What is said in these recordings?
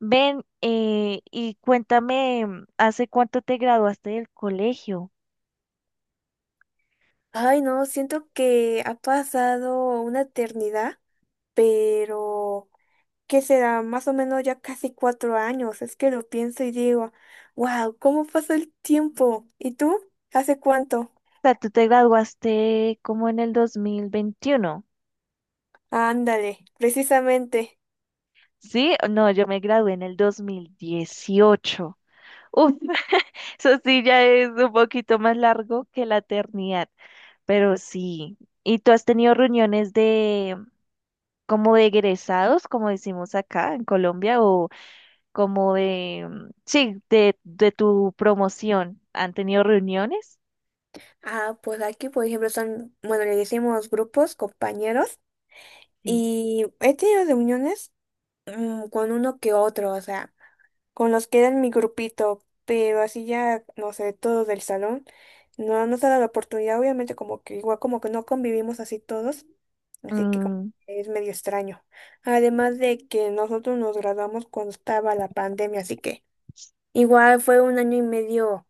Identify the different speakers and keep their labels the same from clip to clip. Speaker 1: Ven, y cuéntame, ¿hace cuánto te graduaste del colegio? O
Speaker 2: Ay, no, siento que ha pasado una eternidad, pero ¿qué será? Más o menos ya casi 4 años. Es que lo pienso y digo, wow, ¿cómo pasa el tiempo? ¿Y tú? ¿Hace cuánto?
Speaker 1: sea, tú te graduaste como en el 2021,
Speaker 2: Ándale, precisamente.
Speaker 1: ¿sí? No, yo me gradué en el 2018. Uf, eso sí ya es un poquito más largo que la eternidad, pero sí. ¿Y tú has tenido reuniones de, como de egresados, como decimos acá en Colombia, o como de, sí, de tu promoción? ¿Han tenido reuniones?
Speaker 2: Ah, pues aquí, por ejemplo, son, bueno, le decimos grupos, compañeros,
Speaker 1: Sí.
Speaker 2: y he tenido reuniones con uno que otro, o sea, con los que era en mi grupito, pero así ya, no sé, todos del salón, no nos ha dado la oportunidad, obviamente como que igual como que no convivimos así todos, así que como
Speaker 1: Mm,
Speaker 2: que es medio extraño. Además de que nosotros nos graduamos cuando estaba la pandemia, así que igual fue un año y medio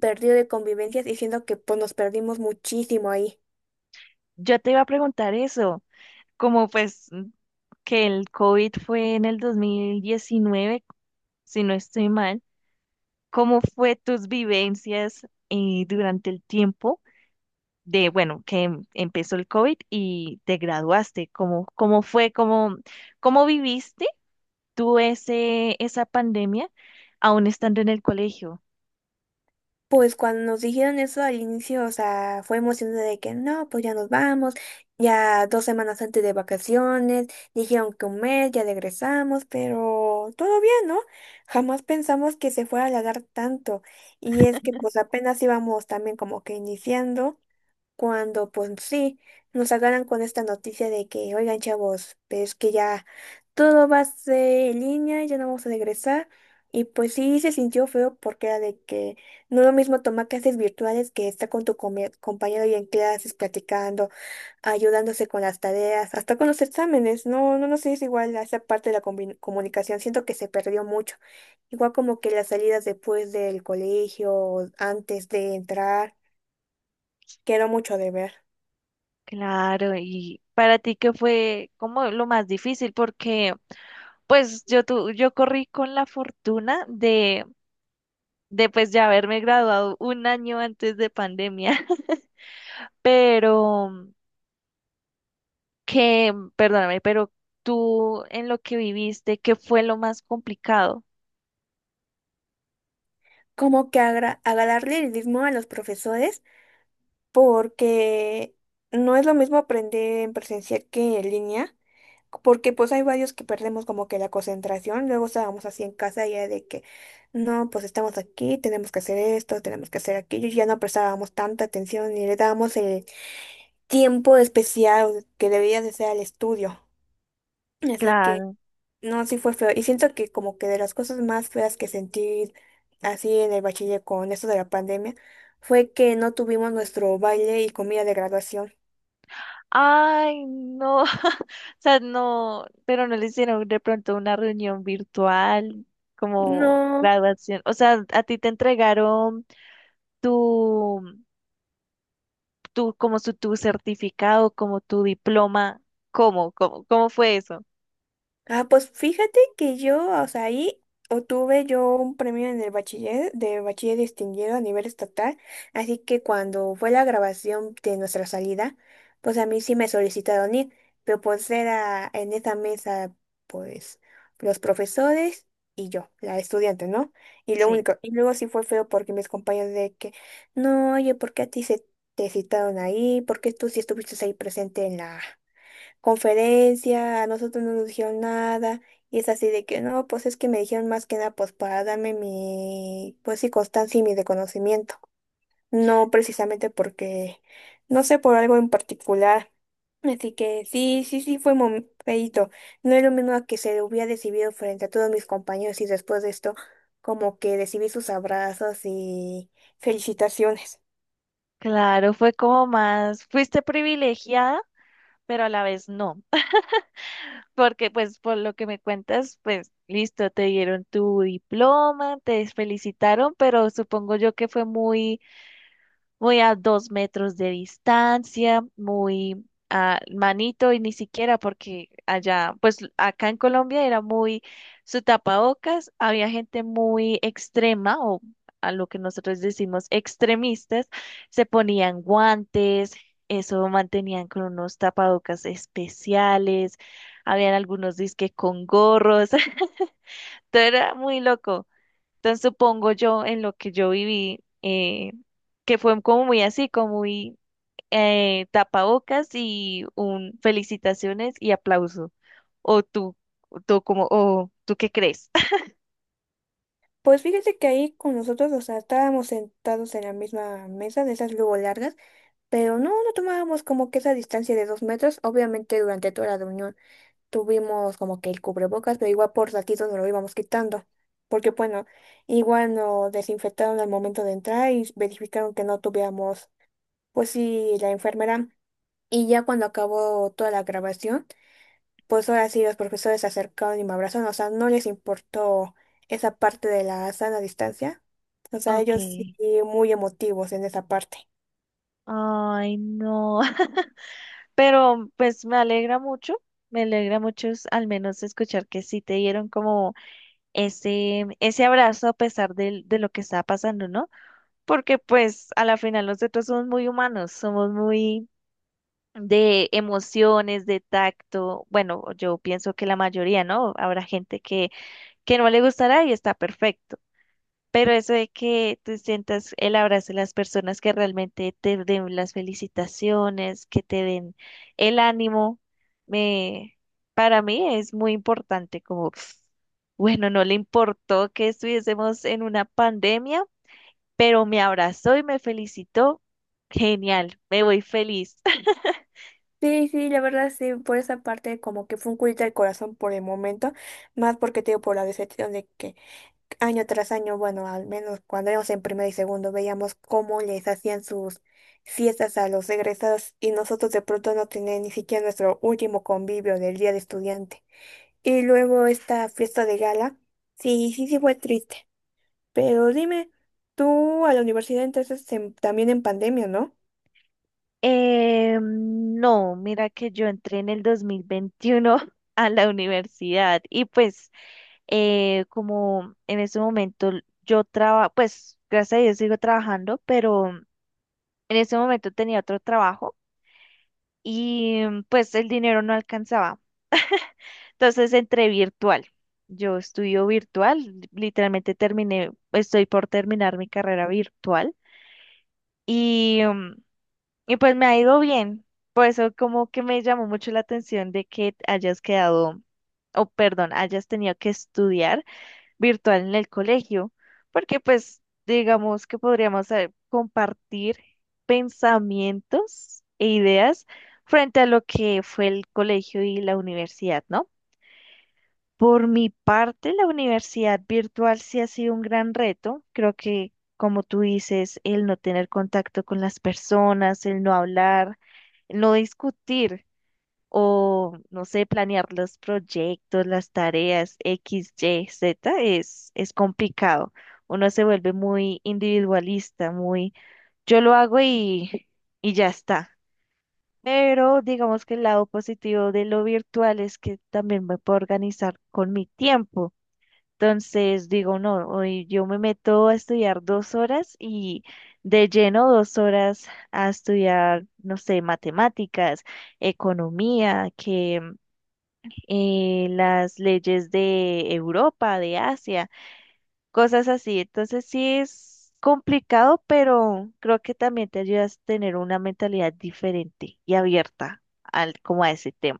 Speaker 2: perdido de convivencias, diciendo que pues nos perdimos muchísimo ahí.
Speaker 1: yo te iba a preguntar eso, como pues que el COVID fue en el 2019 si no estoy mal, ¿cómo fue tus vivencias durante el tiempo de, bueno, que empezó el COVID y te graduaste? ¿Cómo fue, cómo viviste tú esa pandemia aún estando en el colegio?
Speaker 2: Pues cuando nos dijeron eso al inicio, o sea, fue emocionante de que no, pues ya nos vamos, ya 2 semanas antes de vacaciones, dijeron que un mes, ya regresamos, pero todo bien, ¿no? Jamás pensamos que se fuera a alargar tanto. Y es que pues apenas íbamos también como que iniciando cuando pues sí, nos agarran con esta noticia de que, oigan chavos, pues que ya todo va a ser en línea, ya no vamos a regresar. Y pues sí se sintió feo porque era de que no es lo mismo tomar clases virtuales que estar con tu compañero y en clases platicando, ayudándose con las tareas, hasta con los exámenes. No, no, no sé, es igual a esa parte de la comunicación, siento que se perdió mucho. Igual como que las salidas después del colegio, antes de entrar, quedó mucho de ver.
Speaker 1: Claro, y para ti, ¿qué fue como lo más difícil? Porque... Pues yo corrí con la fortuna de pues ya haberme graduado un año antes de pandemia, pero que, perdóname, pero tú en lo que viviste, ¿qué fue lo más complicado?
Speaker 2: Como que agarrarle el ritmo a los profesores, porque no es lo mismo aprender en presencial que en línea, porque pues hay varios que perdemos como que la concentración, luego estábamos así en casa ya de que, no, pues estamos aquí, tenemos que hacer esto, tenemos que hacer aquello, y ya no prestábamos tanta atención ni le dábamos el tiempo especial que debía de ser al estudio. Así que...
Speaker 1: Claro.
Speaker 2: No, sí fue feo. Y siento que como que de las cosas más feas que sentí así en el bachiller con esto de la pandemia fue que no tuvimos nuestro baile y comida de graduación.
Speaker 1: Ay, no, o sea, no, pero no le hicieron de pronto una reunión virtual como
Speaker 2: No.
Speaker 1: graduación. O sea, a ti te entregaron tu tu certificado, como tu diploma. ¿Cómo fue eso?
Speaker 2: Ah, pues fíjate que yo, o sea, ahí obtuve yo un premio en el bachiller, de bachiller distinguido a nivel estatal, así que cuando fue la grabación de nuestra salida, pues a mí sí me solicitaron ir, pero pues era en esa mesa, pues, los profesores y yo, la estudiante, ¿no? Y lo
Speaker 1: Sí,
Speaker 2: único, y luego sí fue feo porque mis compañeros de que, no, oye, ¿por qué a ti se te citaron ahí? ¿Por qué tú sí estuviste ahí presente en la conferencia, a nosotros no nos dijeron nada, y es así de que no, pues es que me dijeron más que nada pues para darme mi, pues sí, constancia y mi reconocimiento, no precisamente porque, no sé, por algo en particular. Así que sí, sí, sí, fue feíto. No es lo mismo a que se le hubiera recibido frente a todos mis compañeros y después de esto, como que recibí sus abrazos y felicitaciones.
Speaker 1: claro, fue fuiste privilegiada, pero a la vez no. Porque pues por lo que me cuentas, pues listo, te dieron tu diploma, te felicitaron, pero supongo yo que fue muy muy a 2 metros de distancia, muy a manito y ni siquiera porque allá, pues acá en Colombia era muy su tapabocas, había gente muy extrema o a lo que nosotros decimos extremistas, se ponían guantes, eso mantenían con unos tapabocas especiales, habían algunos disque con gorros, todo era muy loco. Entonces supongo yo en lo que yo viví, que fue como muy así, como muy tapabocas y un felicitaciones y aplauso. O tú, o tú qué crees.
Speaker 2: Pues fíjate que ahí con nosotros, o sea, estábamos sentados en la misma mesa de esas luego largas. Pero no, no tomábamos como que esa distancia de 2 metros. Obviamente durante toda la reunión tuvimos como que el cubrebocas, pero igual por ratitos nos lo íbamos quitando. Porque bueno, igual nos desinfectaron al momento de entrar y verificaron que no tuviéramos, pues sí, la enfermera. Y ya cuando acabó toda la grabación, pues ahora sí los profesores se acercaron y me abrazaron. O sea, no les importó esa parte de la sana distancia. O sea, ellos sí
Speaker 1: Okay.
Speaker 2: muy emotivos en esa parte.
Speaker 1: Ay, no. Pero pues me alegra mucho al menos escuchar que sí te dieron como ese abrazo a pesar de lo que estaba pasando, ¿no? Porque pues a la final nosotros somos muy humanos, somos muy de emociones, de tacto. Bueno, yo pienso que la mayoría, ¿no? Habrá gente que no le gustará y está perfecto. Pero eso de que tú sientas el abrazo de las personas que realmente te den las felicitaciones, que te den el ánimo, me, para mí es muy importante, como, pf, bueno, no le importó que estuviésemos en una pandemia, pero me abrazó y me felicitó. Genial, me voy feliz.
Speaker 2: Sí, sí, la verdad sí, por esa parte como que fue un culito al corazón por el momento, más porque te digo por la decepción de que año tras año, bueno, al menos cuando éramos en primero y segundo, veíamos cómo les hacían sus fiestas a los egresados y nosotros de pronto no teníamos ni siquiera nuestro último convivio del día de estudiante. Y luego esta fiesta de gala, sí, sí, sí fue triste, pero dime, tú a la universidad entonces también en pandemia, ¿no?
Speaker 1: No, mira que yo entré en el 2021 a la universidad y pues como en ese momento yo trabajo, pues gracias a Dios sigo trabajando, pero en ese momento tenía otro trabajo y pues el dinero no alcanzaba. Entonces entré virtual. Yo estudio virtual, literalmente terminé, estoy por terminar mi carrera virtual. Y em, Y pues me ha ido bien. Por eso como que me llamó mucho la atención de que hayas quedado, o perdón, hayas tenido que estudiar virtual en el colegio, porque pues digamos que podríamos compartir pensamientos e ideas frente a lo que fue el colegio y la universidad, ¿no? Por mi parte, la universidad virtual sí ha sido un gran reto. Creo que, como tú dices, el no tener contacto con las personas, el no hablar, el no discutir o, no sé, planear los proyectos, las tareas X, Y, Z es complicado. Uno se vuelve muy individualista, muy yo lo hago y ya está. Pero digamos que el lado positivo de lo virtual es que también me puedo organizar con mi tiempo. Entonces digo, no, hoy yo me meto a estudiar 2 horas y de lleno 2 horas a estudiar, no sé, matemáticas, economía, que las leyes de Europa, de Asia, cosas así. Entonces sí es complicado, pero creo que también te ayudas a tener una mentalidad diferente y abierta al, como a ese tema.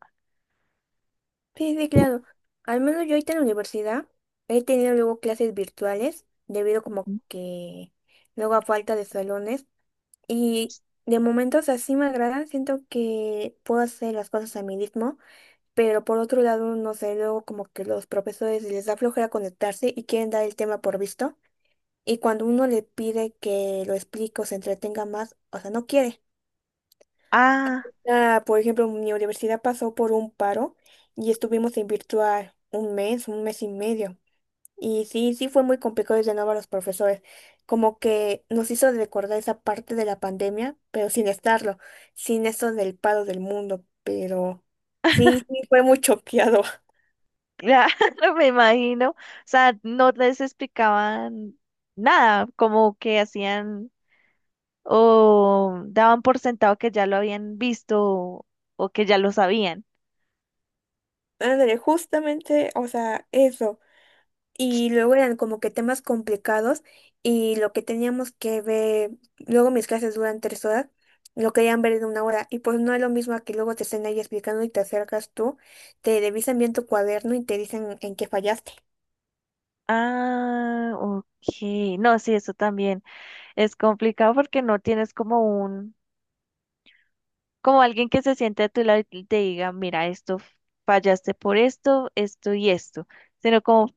Speaker 2: Sí, sí, claro. Al menos yo ahorita en la universidad he tenido luego clases virtuales debido como que luego a falta de salones y de momentos así me agradan, siento que puedo hacer las cosas a mi ritmo, pero por otro lado, no sé, luego como que los profesores les da flojera conectarse y quieren dar el tema por visto y cuando uno le pide que lo explique o se entretenga más, o sea, no quiere.
Speaker 1: Ah.
Speaker 2: Ah, por ejemplo, mi universidad pasó por un paro y estuvimos en virtual un mes y medio. Y sí, sí fue muy complicado de nuevo a los profesores. Como que nos hizo recordar esa parte de la pandemia, pero sin estarlo, sin eso del paro del mundo. Pero sí, sí fue muy choqueado.
Speaker 1: Claro, me imagino. O sea, no les explicaban nada, como que hacían o daban por sentado que ya lo habían visto o que ya lo sabían.
Speaker 2: Ándale, justamente, o sea, eso. Y luego eran como que temas complicados y lo que teníamos que ver, luego mis clases duran 3 horas, lo querían ver en una hora y pues no es lo mismo a que luego te estén ahí explicando y te acercas tú, te revisan bien tu cuaderno y te dicen en qué fallaste.
Speaker 1: Ah, ok. No, sí, eso también es complicado porque no tienes como alguien que se siente a tu lado y te diga, mira, esto fallaste por esto, esto y esto, sino como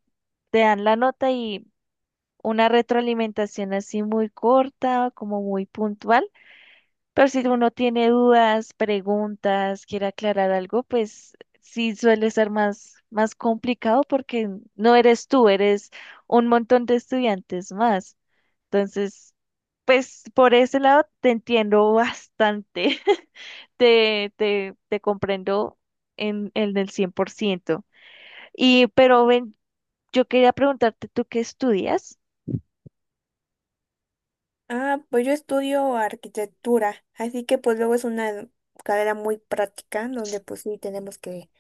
Speaker 1: te dan la nota y una retroalimentación así muy corta, como muy puntual. Pero si uno tiene dudas, preguntas, quiere aclarar algo, pues sí suele ser más complicado porque no eres tú, eres un montón de estudiantes más. Entonces, pues por ese lado te entiendo bastante, te comprendo en el 100%. Y, pero ven, yo quería preguntarte, ¿tú qué estudias?
Speaker 2: Ah, pues yo estudio arquitectura, así que pues luego es una carrera muy práctica donde pues sí tenemos que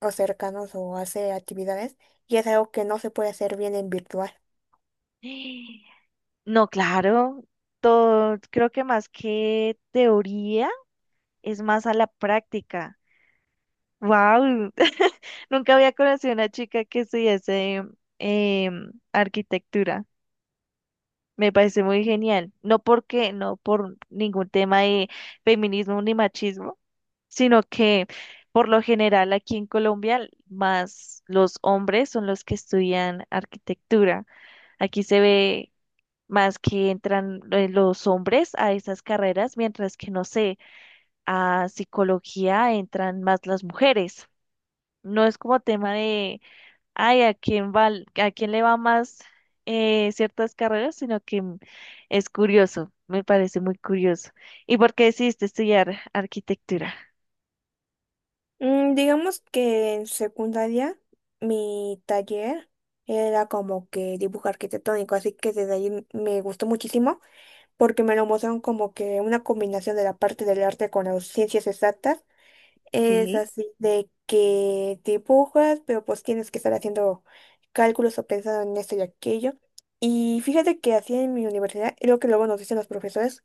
Speaker 2: acercarnos o hacer actividades y es algo que no se puede hacer bien en virtual.
Speaker 1: No, claro, todo, creo que más que teoría es más a la práctica. ¡Wow! Nunca había conocido a una chica que estudiase arquitectura. Me parece muy genial. No por ningún tema de feminismo ni machismo, sino que por lo general aquí en Colombia, más los hombres son los que estudian arquitectura. Aquí se ve más que entran los hombres a esas carreras, mientras que, no sé, a psicología entran más las mujeres. No es como tema de, ay, a quién le va más ciertas carreras, sino que es curioso, me parece muy curioso. ¿Y por qué decidiste estudiar arquitectura?
Speaker 2: Digamos que en secundaria mi taller era como que dibujo arquitectónico, así que desde ahí me gustó muchísimo porque me lo mostraron como que una combinación de la parte del arte con las ciencias exactas. Es
Speaker 1: Sí.
Speaker 2: así de que dibujas, pero pues tienes que estar haciendo cálculos o pensando en esto y aquello. Y fíjate que así en mi universidad, es lo que luego nos dicen los profesores,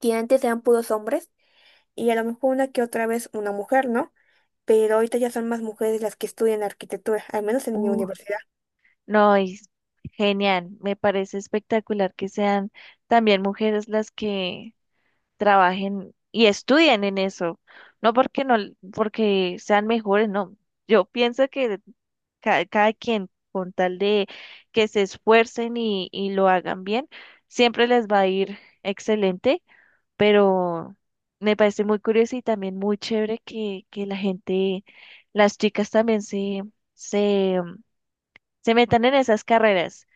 Speaker 2: que antes eran puros hombres y a lo mejor una que otra vez una mujer, ¿no? Pero ahorita ya son más mujeres las que estudian arquitectura, al menos en mi
Speaker 1: Uh,
Speaker 2: universidad.
Speaker 1: no, genial, me parece espectacular que sean también mujeres las que trabajen y estudien en eso, no porque no, porque sean mejores, no. Yo pienso que cada, quien, con tal de que se esfuercen y lo hagan bien, siempre les va a ir excelente, pero me parece muy curioso y también muy chévere que la gente, las chicas también se, se metan en esas carreras.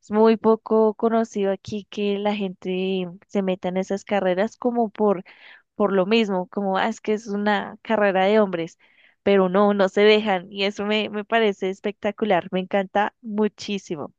Speaker 1: Es muy poco conocido aquí que la gente se meta en esas carreras como por lo mismo, como "Ah, es que es una carrera de hombres", pero no, no se dejan y eso me parece espectacular, me encanta muchísimo.